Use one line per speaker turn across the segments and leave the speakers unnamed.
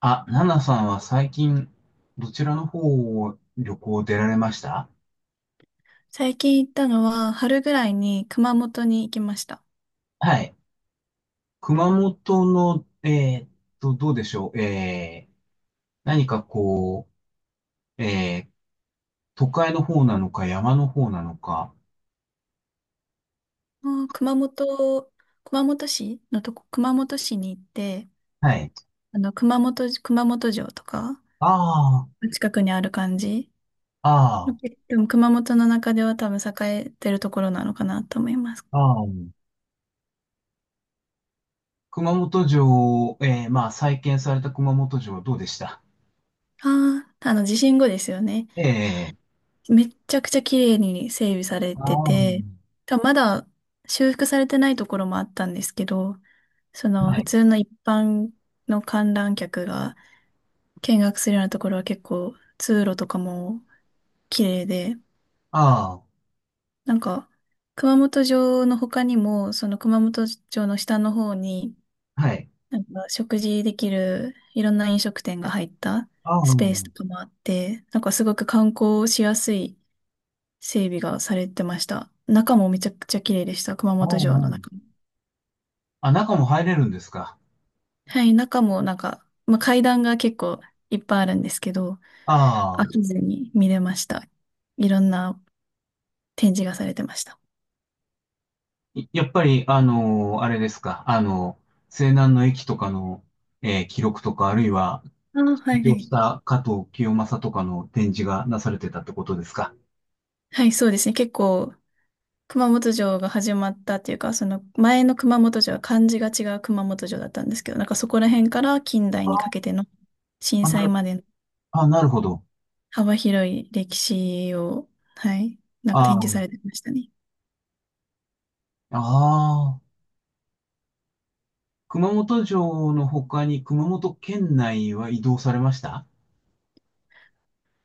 あ、ナナさんは最近、どちらの方を旅行出られました？
最近行ったのは、春ぐらいに熊本に行きました。
はい。熊本の、どうでしょう。何かこう、都会の方なのか、山の方なのか。
あー熊本、熊本市のとこ、熊本市に行って、
はい。
あの、熊本、熊本城とか、
ああ、
近くにある感じ。
あ
でも熊本の中では多分栄えてるところなのかなと思います。
あ、ああ。熊本城、まあ、再建された熊本城どうでした？
ああ、あの、地震後ですよね。
ええ
めっちゃくちゃ綺麗に整備され
ー。あ
てて、
あ、
多分まだ修復されてないところもあったんですけど、その
は
普
い。
通の一般の観覧客が見学するようなところは結構通路とかも綺麗で、
あ
なんか熊本城の他にも、その熊本城の下の方に、
あ、はい。
なんか食事できるいろんな飲食店が入った
ああ、
スペースとかもあって、なんかすごく観光しやすい整備がされてました。中もめちゃくちゃ綺麗でした、熊
ああ、あ
本城の中も。
あ、中も入れるんですか？
はい、中もなんか、まあ、階段が結構いっぱいあるんですけど、
あ
飽き
あ。
ずに見れました。いろんな展示がされてました。
やっぱり、あれですか、あの西南の駅とかの、記録とか、あるいは、
ああ、は
起
いは
業し
い。
た加藤清正とかの展示がなされてたってことですか。
はい、そうですね。結構、熊本城が始まったっていうか、その前の熊本城は漢字が違う熊本城だったんですけど、なんかそこら辺から近代にかけての震
あ、な
災
る、
までの
あ、なるほど。
幅広い歴史を、はい、なんか
あ
展示さ
ー
れてましたね。
あー、熊本城の他に熊本県内は移動されました？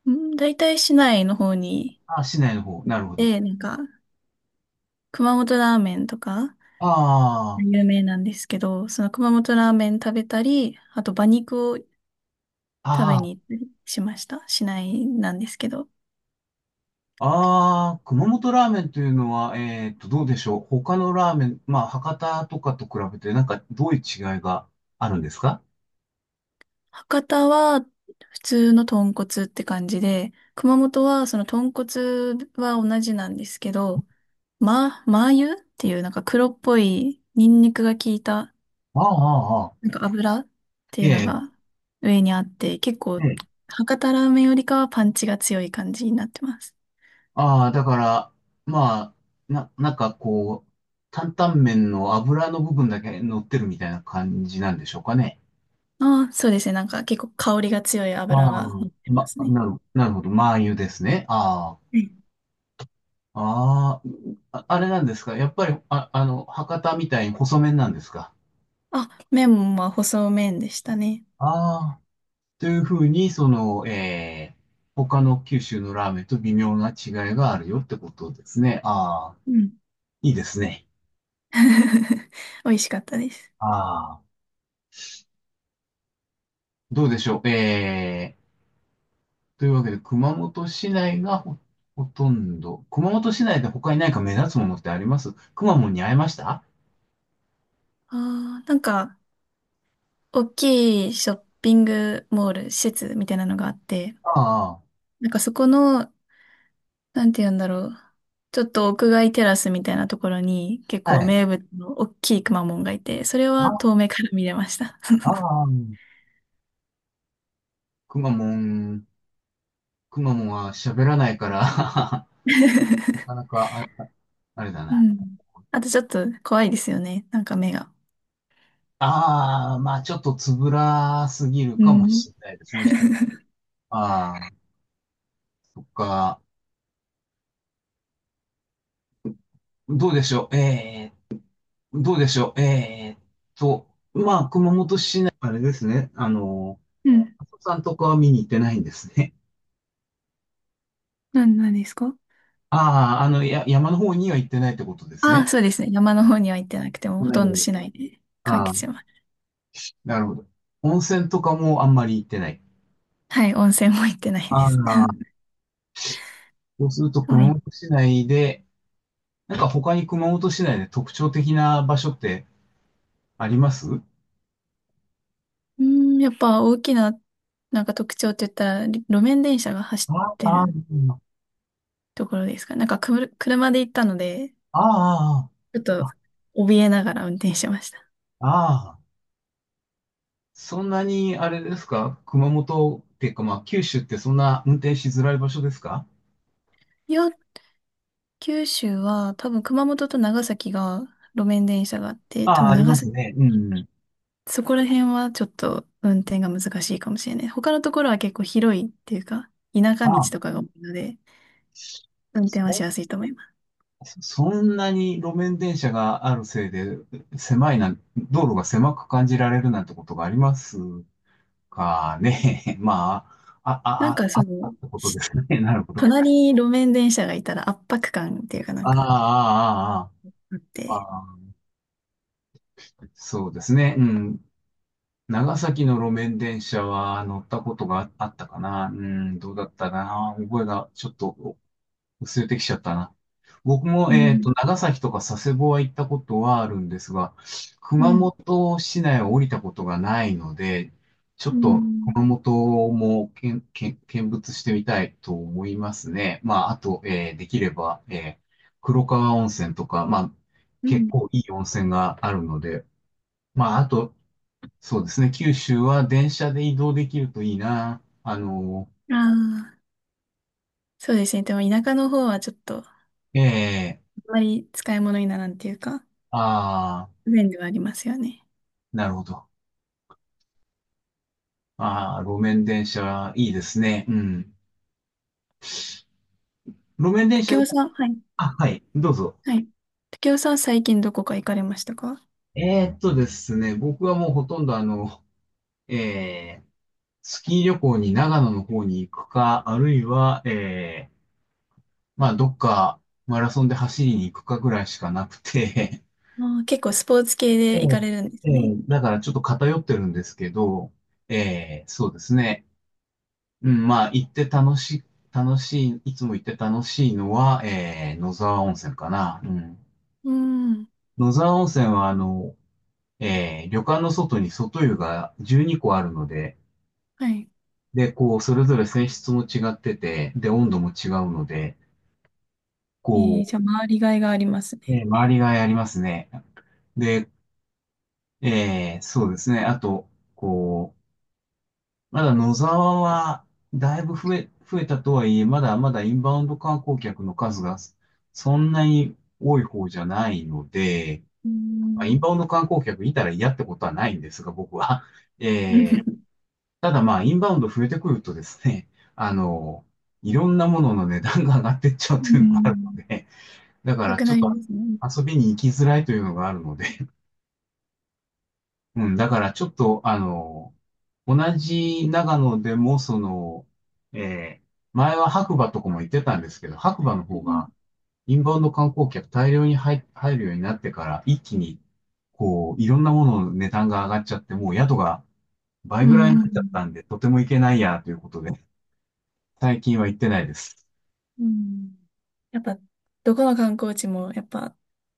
うん、大体市内の方に、
あ、市内の方、なるほど。
で、なんか、熊本ラーメンとか
あ
有名なんですけど、その熊本ラーメン食べたり、あと馬肉を食
あ、
べ
ああ、
に行ったりしました。市内なんですけど。
ああ、熊本ラーメンというのは、どうでしょう。他のラーメン、まあ、博多とかと比べて、なんか、どういう違いがあるんですか？
博多は普通の豚骨って感じで、熊本はその豚骨は同じなんですけど、ま、マー油っていうなんか黒っぽいニンニクが効いた
ああ、ああ、ああ。
なんか油って
え
いうの
え、
が上にあって、結
え
構
え。
博多ラーメンよりかはパンチが強い感じになってます。
ああ、だから、まあ、なんかこう、担々麺の油の部分だけ乗ってるみたいな感じなんでしょうかね。
ああ、そうですね。なんか結構香りが強い
あ
油
あ、
が乗ってますね。
なるほど。麻油ですね。あ
うん、
あ、ああ、ああれなんですか。やっぱり、博多みたいに細麺なんですか。
あ、麺もまあ細麺でしたね。
ああ。というふうに、その、他の九州のラーメンと微妙な違いがあるよってことですね。ああ、
うん。
いいですね。
美味しかったです。
ああ、どうでしょう。というわけで、熊本市内がほとんど、熊本市内で他に何か目立つものってありますくまモンに会えました？
ああ、なんか、大きいショッピングモール、施設みたいなのがあって、
あ
なんかそこの、なんて言うんだろう。ちょっと屋外テラスみたいなところに結
あ、
構
は
名
い。
物の大きいくまモンがいて、それは遠
あ
目から見れました。
あ、くまモン、くまモンは喋らないから なかな かあれ、あれだ
う
な。
ん。あとちょっと怖いですよね。なんか目が。
ああ、まあちょっとつぶらすぎる
う
かも
ん。
しれないですね、人。ああ、そっか。どうでしょう。どうでしょう。と、まあ、熊本市内、あれですね。あの、
うん。
阿蘇山とかは見に行ってないんですね。
なんですか？
ああ、あの、山の方には行ってないってことです
あ
ね。
あ、そうですね。山の方には行ってなくても、ほ
なる
とんど
ほど。
市内で完
ああ、
結します。
なるほど。温泉とかもあんまり行ってない。
はい、温泉も行ってないで
あ
す。
あ、そうすると
まあ
熊
い
本市内で、なんか他に熊本市内で特徴的な場所ってあります
うーん、やっぱ大きな、なんか特徴って言ったら、路面電車が走
あ
って
あ、あ
る
あ、
ところですか。なんかくる、車で行ったので、
あ
ちょっ
あ、
と
あ
怯えながら運転してました。
あ、ああ。そんなに、あれですか、熊本っていうか、まあ、九州ってそんな運転しづらい場所ですか？
いや、九州は多分熊本と長崎が路面電車があって、
あ
多
あ、
分
あり
長
ます
崎、
ね。うんうん。
そこら辺はちょっと運転が難しいかもしれない。他のところは結構広いっていうか、田
あ
舎道
あ、
とかが多いので、運転はし
そ、
やすいと思います。
そんなに路面電車があるせいで、狭いな、道路が狭く感じられるなんてことがありますかね。まあ、
なんか
あ
そ
っ
の、
たってこと
し
ですね。なるほど。
隣に路面電車がいたら圧迫感っていうかなん
あ
か
あ、あ
あっ
あ、あ
て、
あ、ああ。そうですね。うん。長崎の路面電車は乗ったことがあったかな。うん、どうだったかな。覚えがちょっと薄れてきちゃったな。僕も、
うん、
長崎とか佐世保は行ったことはあるんですが、
う
熊
ん、
本市内を降りたことがないので、ちょ
う
っと
ん、
熊本も見物してみたいと思いますね。まあ、あと、できれば、黒川温泉とか、まあ、
う
結
ん。
構いい温泉があるので、まあ、あと、そうですね。九州は電車で移動できるといいな。あの、
ああ、そうですね。でも田舎の方はちょっと、あん
ええ、
まり使い物にならんっていうか、
ああ、
不便ではありますよね。
なるほど。ああ、路面電車、いいですね。うん。路面電
竹
車ね、
雄さん、はい、
あ、はい、どうぞ。
はい。竹雄さん、最近どこか行かれましたか？
ですね、僕はもうほとんどあの、えースキー旅行に長野の方に行くか、あるいは、まあ、どっかマラソンで走りに行くかぐらいしかなくて、
ああ、結構スポーツ系で
え
行か
え、
れるんで
え
すね。
え、だからちょっと偏ってるんですけど、ええ、そうですね。うん、まあ、行って楽しい、楽しい、いつも行って楽しいのは、野沢温泉かな。うん。
うん、
野沢温泉は、あの、旅館の外に外湯が12個あるので、
はい。
で、こう、それぞれ泉質も違ってて、で、温度も違うので、
え
こ
ー、じゃあ、回りがいがありますね。
う、周りがやりますね。で、そうですね。あと、こう、まだ野沢は、だいぶ増えたとはいえ、まだまだインバウンド観光客の数がそんなに多い方じゃないので、
う
まあ、イン
ん。
バウンド観光客いたら嫌ってことはないんですが、僕は。えー ただまあ、インバウンド増えてくるとですね、あの、いろんなものの値段が上がってっちゃう
うん。
というの
う
があるの
ん。
で、だか
な
ら
く
ちょ
な
っ
り
と
ますね。
遊びに行きづらいというのがあるので、うん、だからちょっと、あの、同じ長野でも、その、えー前は白馬とかも行ってたんですけど、白馬の
う
方
ん。
が、インバウンド観光客大量に入るようになってから、一気に、こう、いろんなものの値段が上がっちゃって、もう宿が倍
う
ぐらいになっちゃっ
ん。
たんで、とても行けないや、ということで、最近は行ってないです。
うん。やっぱ、どこの観光地もやっぱ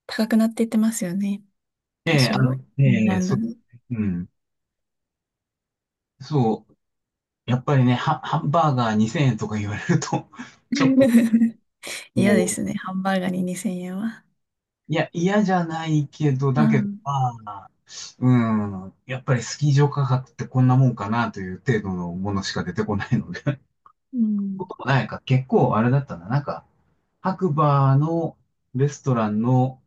高くなっていってますよね。多
ええ、あ
少、
の、え
な
え、
ん
そ
だ
う、
の。
うん、そう、やっぱりね、ハンバーガー2000円とか言われると、ちょっと、
嫌で
こう、
すね。ハンバーガーに2000円は。
いや、嫌じゃないけど、
う
だけど、
ん。
まあ、うん、やっぱりスキー場価格ってこんなもんかなという程度のものしか出てこないので。
う
こ
ん。
ともないか、結構あれだったな。なんか、白馬のレストランの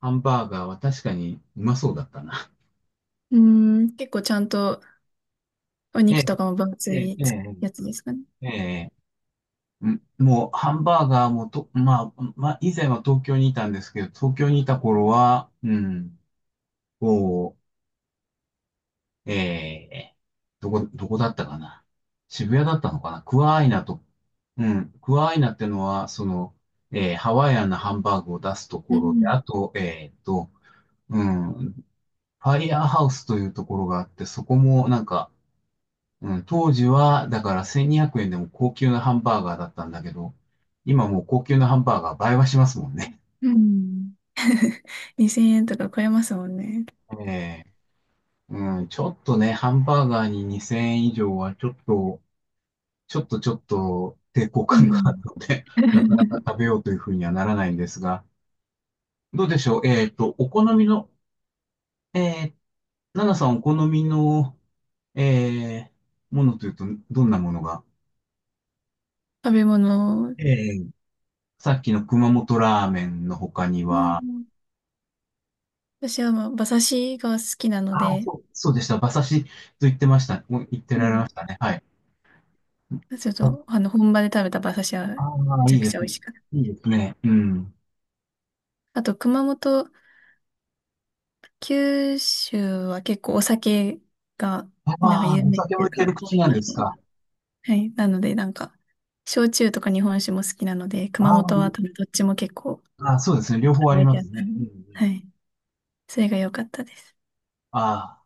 ハンバーガーは確かにうまそうだったな。
うん。結構ちゃんとお
え
肉
え、
とかも分
え
厚
え、
い
え
やつですかね。
え、ええ。うん、もう、ハンバーガーもと、まあ、まあ、以前は東京にいたんですけど、東京にいた頃は、うん、こう、ええどこだったかな。渋谷だったのかな。クワアイナと、うん。クワアイナってのは、その、ハワイアンなハンバーグを出すと
う
ころで、
ん。
あと、うん、ファイヤーハウスというところがあって、そこもなんか、うん、当時は、だから1200円でも高級なハンバーガーだったんだけど、今もう高級なハンバーガー倍はしますもんね。
うん。2000円とか超えますもんね。
ええ、うん、ちょっとね、ハンバーガーに2000円以上はちょっと、ちょっとちょっと抵抗
う
感がある
ん。
ので、なかなか 食べようというふうにはならないんですが、どうでしょう。お好みの、えー、ナナさんお好みの、えものというと、どんなものが？
食べ物、
えーさっきの熊本ラーメンの他に
まあ、
は、
私はまあ馬刺しが好きなの
ああ、
で、
そうでした。馬刺しと言ってました。もう言って
う
られ
ん、
ましたね。はい。
ちょっと、
あ
あの、本場で食べた馬刺しは
あ
め
ー、
ち
い
ゃ
い
く
で
ち
す
ゃ美
ね。
味しかった。
いいですね。うん。
あと、熊本、九州は結構お酒が、なんか
ああ、
有
お
名っ
酒
て
も
いう
いけ
か、
る
多
口
い
なん
な
で
って。
すか？
はい。なので、なんか、焼酎とか日本酒も好きなので、熊
ああ、
本は多分どっちも結構
ああ、そうですね。両方あり
置い
ま
てあっ
す
た
ね。
の
う
で、
んうん。
はい。それが良かったです。
ああ